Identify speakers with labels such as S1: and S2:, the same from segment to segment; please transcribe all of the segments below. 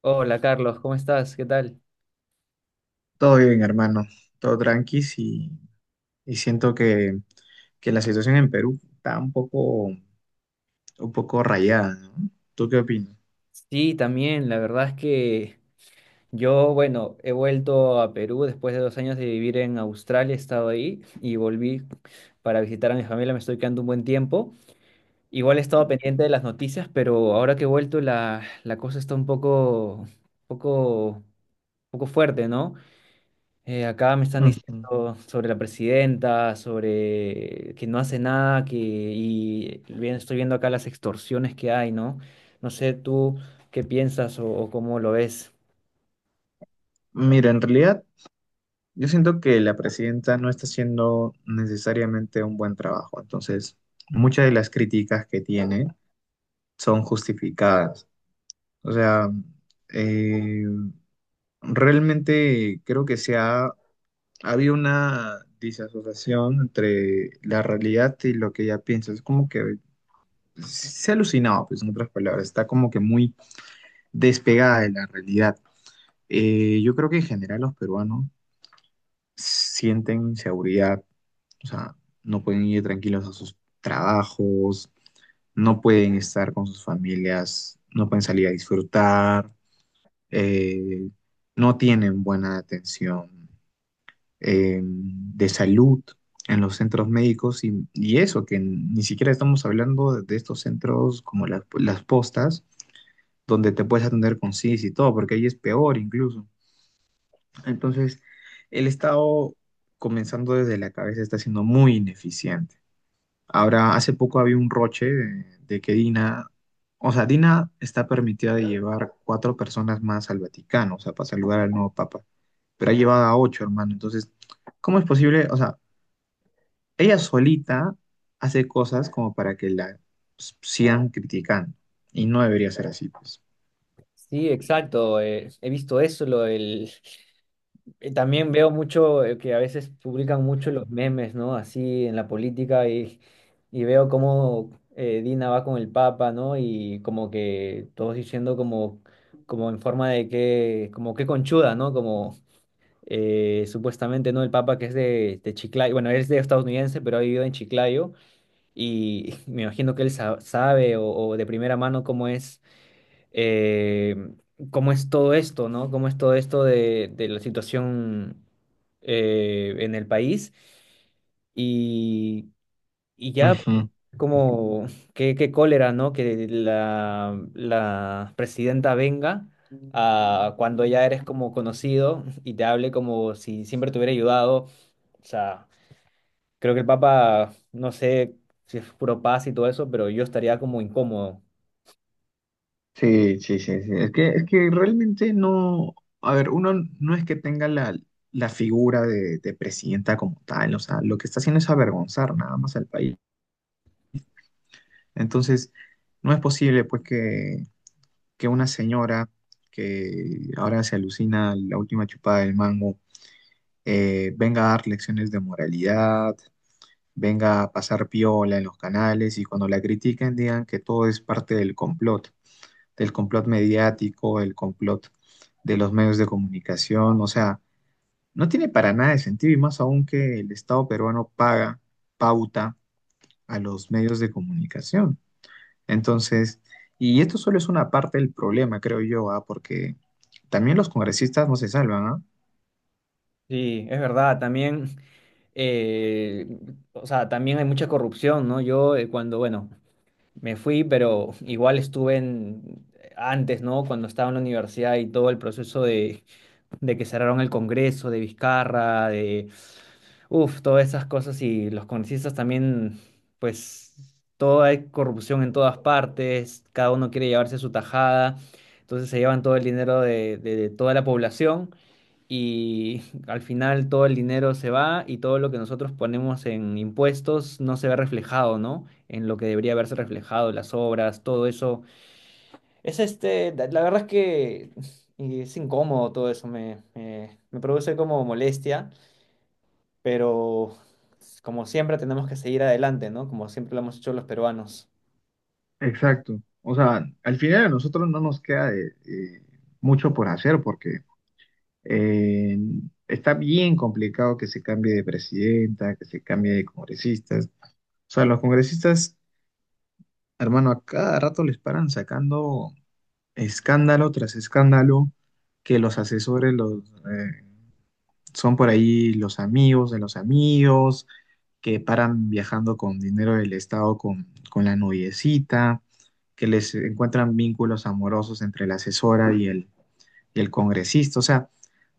S1: Hola Carlos, ¿cómo estás? ¿Qué tal?
S2: Todo bien, hermano, todo tranqui y siento que la situación en Perú está un poco rayada, ¿no? ¿Tú qué opinas?
S1: Sí, también, la verdad es que yo, bueno, he vuelto a Perú después de 2 años de vivir en Australia, he estado ahí y volví para visitar a mi familia, me estoy quedando un buen tiempo. Igual he estado pendiente de las noticias, pero ahora que he vuelto la cosa está un poco, poco, poco fuerte, ¿no? Acá me están
S2: Ujú.
S1: diciendo sobre la presidenta, sobre que no hace nada, que y bien, estoy viendo acá las extorsiones que hay, ¿no? No sé tú qué piensas o cómo lo ves.
S2: Mira, en realidad yo siento que la presidenta no está haciendo necesariamente un buen trabajo, entonces muchas de las críticas que tiene son justificadas. O sea, eh, realmente creo que se ha habido una disasociación entre la realidad y lo que ella piensa. Es como que se ha alucinado, pues en otras palabras, está como que muy despegada de la realidad. Yo creo que en general los peruanos sienten inseguridad, o sea, no pueden ir tranquilos a sus trabajos, no pueden estar con sus familias, no pueden salir a disfrutar, eh, no tienen buena atención de salud en los centros médicos y eso, que ni siquiera estamos hablando de estos centros como las postas donde te puedes atender con CIS y todo, porque ahí es peor incluso. Entonces, el Estado, comenzando desde la cabeza, está siendo muy ineficiente. Ahora, hace poco había un roche de que Dina, o sea, Dina está permitida de llevar cuatro personas más al Vaticano, o sea, para saludar al nuevo Papa, pero ha llevado a ocho, hermano. Entonces, ¿cómo es posible? O sea, ella solita hace cosas como para que la sigan criticando, y no debería ser así, pues.
S1: Sí, exacto. He visto eso, también veo mucho que a veces publican mucho los memes, ¿no? Así en la política y veo cómo Dina va con el Papa, ¿no? Y como que todos diciendo como, como en forma de que, como que conchuda, ¿no? Como supuestamente, ¿no? El Papa que es de Chiclayo, bueno, él es de estadounidense, pero ha vivido en Chiclayo y me imagino que él sabe o de primera mano eh, cómo es todo esto, ¿no? Cómo es todo esto de la situación en el país. Y y ya,
S2: Ujú.
S1: como, qué, qué cólera, ¿no? Que la presidenta venga cuando ya eres como conocido y te hable como si siempre te hubiera ayudado. O sea, creo que el Papa, no sé si es puro paz y todo eso, pero yo estaría como incómodo.
S2: Sí, sí, sí, sí. Es que realmente no, a ver, uno no es que tenga la figura de presidenta como tal, o sea, lo que está haciendo es avergonzar nada más al país. Entonces, no es posible pues que una señora que ahora se alucina la última chupada del mango, venga a dar lecciones de moralidad, venga a pasar piola en los canales y cuando la critiquen digan que todo es parte del complot. Del complot mediático, el complot de los medios de comunicación, o sea, no tiene para nada de sentido y más aún que el Estado peruano paga pauta a los medios de comunicación. Entonces, y esto solo es una parte del problema, creo yo, ¿ah? Porque también los congresistas no se salvan, ¿ah?
S1: Sí, es verdad, también, eh, o sea, también hay mucha corrupción, ¿no? Yo cuando, bueno, me fui, pero igual estuve en, antes, ¿no? Cuando estaba en la universidad y todo el proceso de que cerraron el Congreso, de Vizcarra, de, uff, todas esas cosas y los congresistas también, pues, toda hay corrupción en todas partes, cada uno quiere llevarse su tajada, entonces se llevan todo el dinero de, de toda la población y al final todo el dinero se va y todo lo que nosotros ponemos en impuestos no se ve reflejado, ¿no? En lo que debería haberse reflejado, las obras, todo eso es este, la verdad es que es incómodo todo eso, me, me produce como molestia, pero como siempre tenemos que seguir adelante, ¿no? Como siempre lo hemos hecho los peruanos.
S2: Exacto. O sea, al final a nosotros no nos queda de mucho por hacer porque Eh, está bien complicado que se cambie de presidenta, que se cambie de congresistas. O sea, los congresistas, hermano, a cada rato les paran sacando escándalo tras escándalo, que los asesores eh, son por ahí los amigos de los amigos, que paran viajando con dinero del Estado con la noviecita, que les encuentran vínculos amorosos entre la asesora y el congresista. O sea,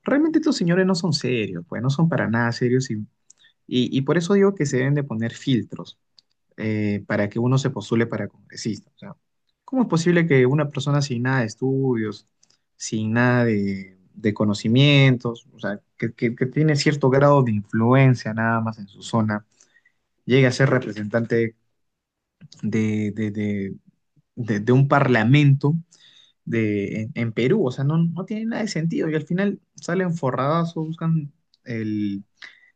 S2: realmente estos señores no son serios, pues no son para nada serios y por eso digo que se deben de poner filtros para que uno se postule para congresista. O sea, ¿cómo es posible que una persona sin nada de estudios, sin nada de conocimientos, o sea, que tiene cierto grado de influencia nada más en su zona, llegue a ser representante de, de, de de un parlamento? En Perú, o sea, no, no tiene nada de sentido y al final salen forradas o buscan el,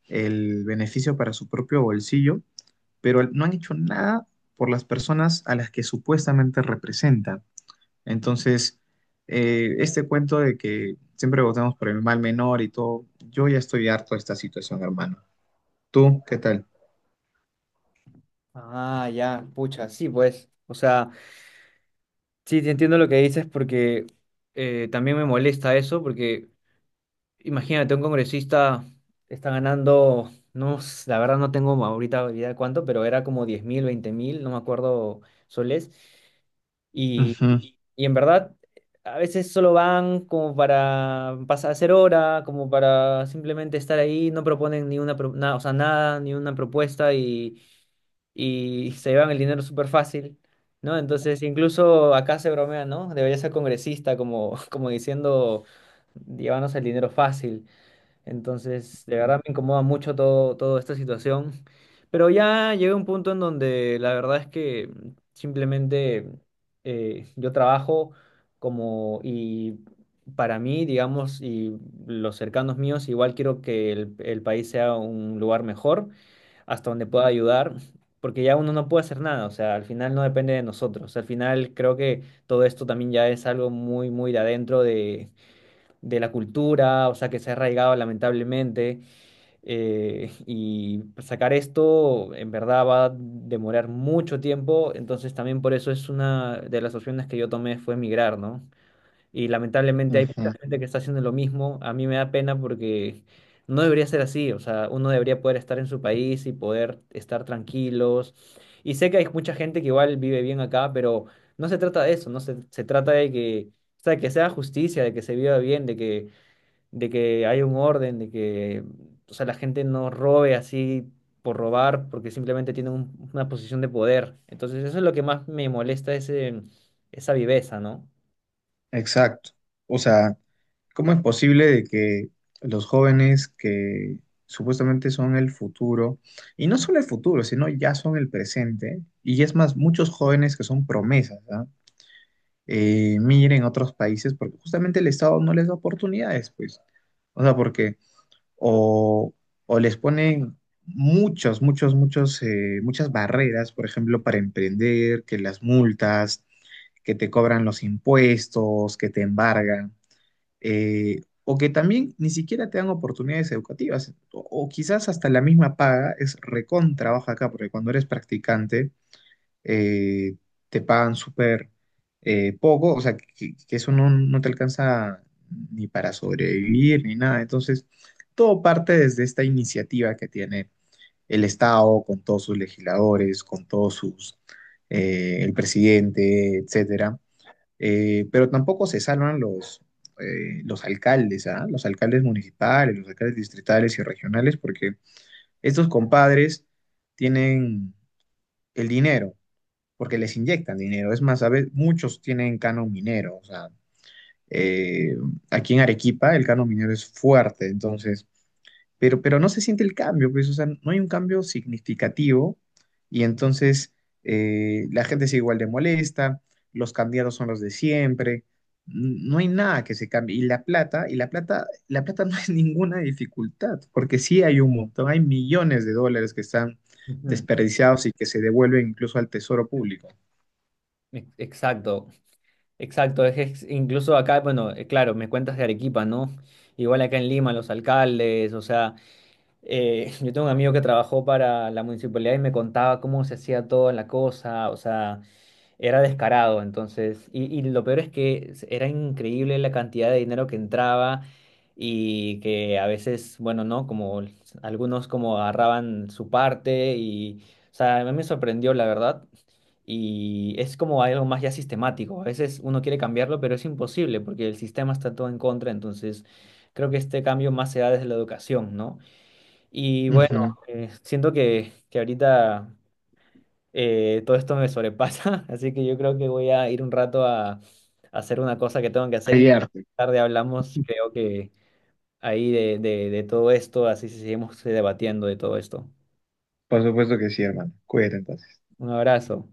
S2: el beneficio para su propio bolsillo, pero no han hecho nada por las personas a las que supuestamente representan. Entonces, este cuento de que siempre votamos por el mal menor y todo, yo ya estoy harto de esta situación, hermano. ¿Tú qué tal?
S1: Ah, ya, pucha, sí, pues. O sea, sí, te entiendo lo que dices porque también me molesta eso, porque imagínate, un congresista está ganando, no, la verdad no tengo ahorita idea de cuánto, pero era como 10.000, 20.000, no me acuerdo soles. Y
S2: Ujú,
S1: y en verdad, a veces solo van como para pasar a hacer hora, como para simplemente estar ahí, no proponen ni una, o sea, nada, ni una propuesta y se llevan el dinero súper fácil, ¿no? Entonces, incluso acá se bromea, ¿no? Debería ser congresista, como, como diciendo, llévanos el dinero fácil. Entonces, de verdad me incomoda mucho todo, toda esta situación. Pero ya llegué a un punto en donde la verdad es que simplemente yo trabajo como y para mí, digamos, y los cercanos míos, igual quiero que el país sea un lugar mejor, hasta donde pueda ayudar, porque ya uno no puede hacer nada, o sea, al final no depende de nosotros. Al final creo que todo esto también ya es algo muy, muy de adentro de la cultura, o sea, que se ha arraigado lamentablemente, y sacar esto en verdad va a demorar mucho tiempo, entonces también por eso es una de las opciones que yo tomé fue migrar, ¿no? Y lamentablemente hay mucha
S2: ujú.
S1: gente que está haciendo lo mismo, a mí me da pena porque no debería ser así, o sea, uno debería poder estar en su país y poder estar tranquilos, y sé que hay mucha gente que igual vive bien acá, pero no se trata de eso, no se, se trata de que... O sea, que sea justicia, de que se viva bien, de que haya un orden, de que, o sea, la gente no robe así por robar, porque simplemente tiene una posición de poder. Entonces, eso es lo que más me molesta, ese, esa viveza, ¿no?
S2: Exacto. O sea, ¿cómo es posible de que los jóvenes que supuestamente son el futuro, y no solo el futuro, sino ya son el presente, y es más, muchos jóvenes que son promesas, ¿ah? Miren otros países porque justamente el Estado no les da oportunidades, pues. O sea, porque o, o les ponen muchos, muchos, muchos, muchas barreras, por ejemplo, para emprender, que las multas, que te cobran los impuestos, que te embargan, o que también ni siquiera te dan oportunidades educativas, o quizás hasta la misma paga es recontra baja acá, porque cuando eres practicante eh, te pagan súper poco, o sea, que eso no, no te alcanza ni para sobrevivir ni nada. Entonces, todo parte desde esta iniciativa que tiene el Estado con todos sus legisladores, con el presidente, etcétera. Pero tampoco se salvan los alcaldes, ¿ah? Los alcaldes municipales, los alcaldes distritales y regionales, porque estos compadres tienen el dinero porque les inyectan dinero. Es más, a veces muchos tienen canon minero, o sea, eh, aquí en Arequipa el canon minero es fuerte, entonces, pero no se siente el cambio, pues, o sea, no hay un cambio significativo y entonces la gente sigue igual de molesta, los candidatos son los de siempre, no hay nada que se cambie. La plata no es ninguna dificultad, porque sí hay un montón, hay millones de dólares que están
S1: Ujú.
S2: desperdiciados y que se devuelven incluso al tesoro público.
S1: Exacto, exacto. Es, incluso acá, bueno, claro, me cuentas de Arequipa, ¿no? Igual acá en Lima, los alcaldes, o sea, yo tengo un amigo que trabajó para la municipalidad y me contaba cómo se hacía toda la cosa, o sea... Era descarado, entonces, y lo peor es que era increíble la cantidad de dinero que entraba y que a veces, bueno, ¿no? Como algunos como agarraban su parte y, o sea, a mí me sorprendió, la verdad, y es como algo más ya sistemático. A veces uno quiere cambiarlo, pero es imposible porque el sistema está todo en contra, entonces creo que este cambio más se da desde la educación, ¿no? Y bueno,
S2: Ujú.
S1: siento que ahorita todo esto me sobrepasa, así que yo creo que voy a ir un rato a hacer una cosa que tengo que hacer y
S2: Hay arte.
S1: tarde hablamos, creo que ahí de todo esto, así seguimos debatiendo de todo esto.
S2: Por supuesto que sí, hermano. Cuídate entonces.
S1: Un abrazo.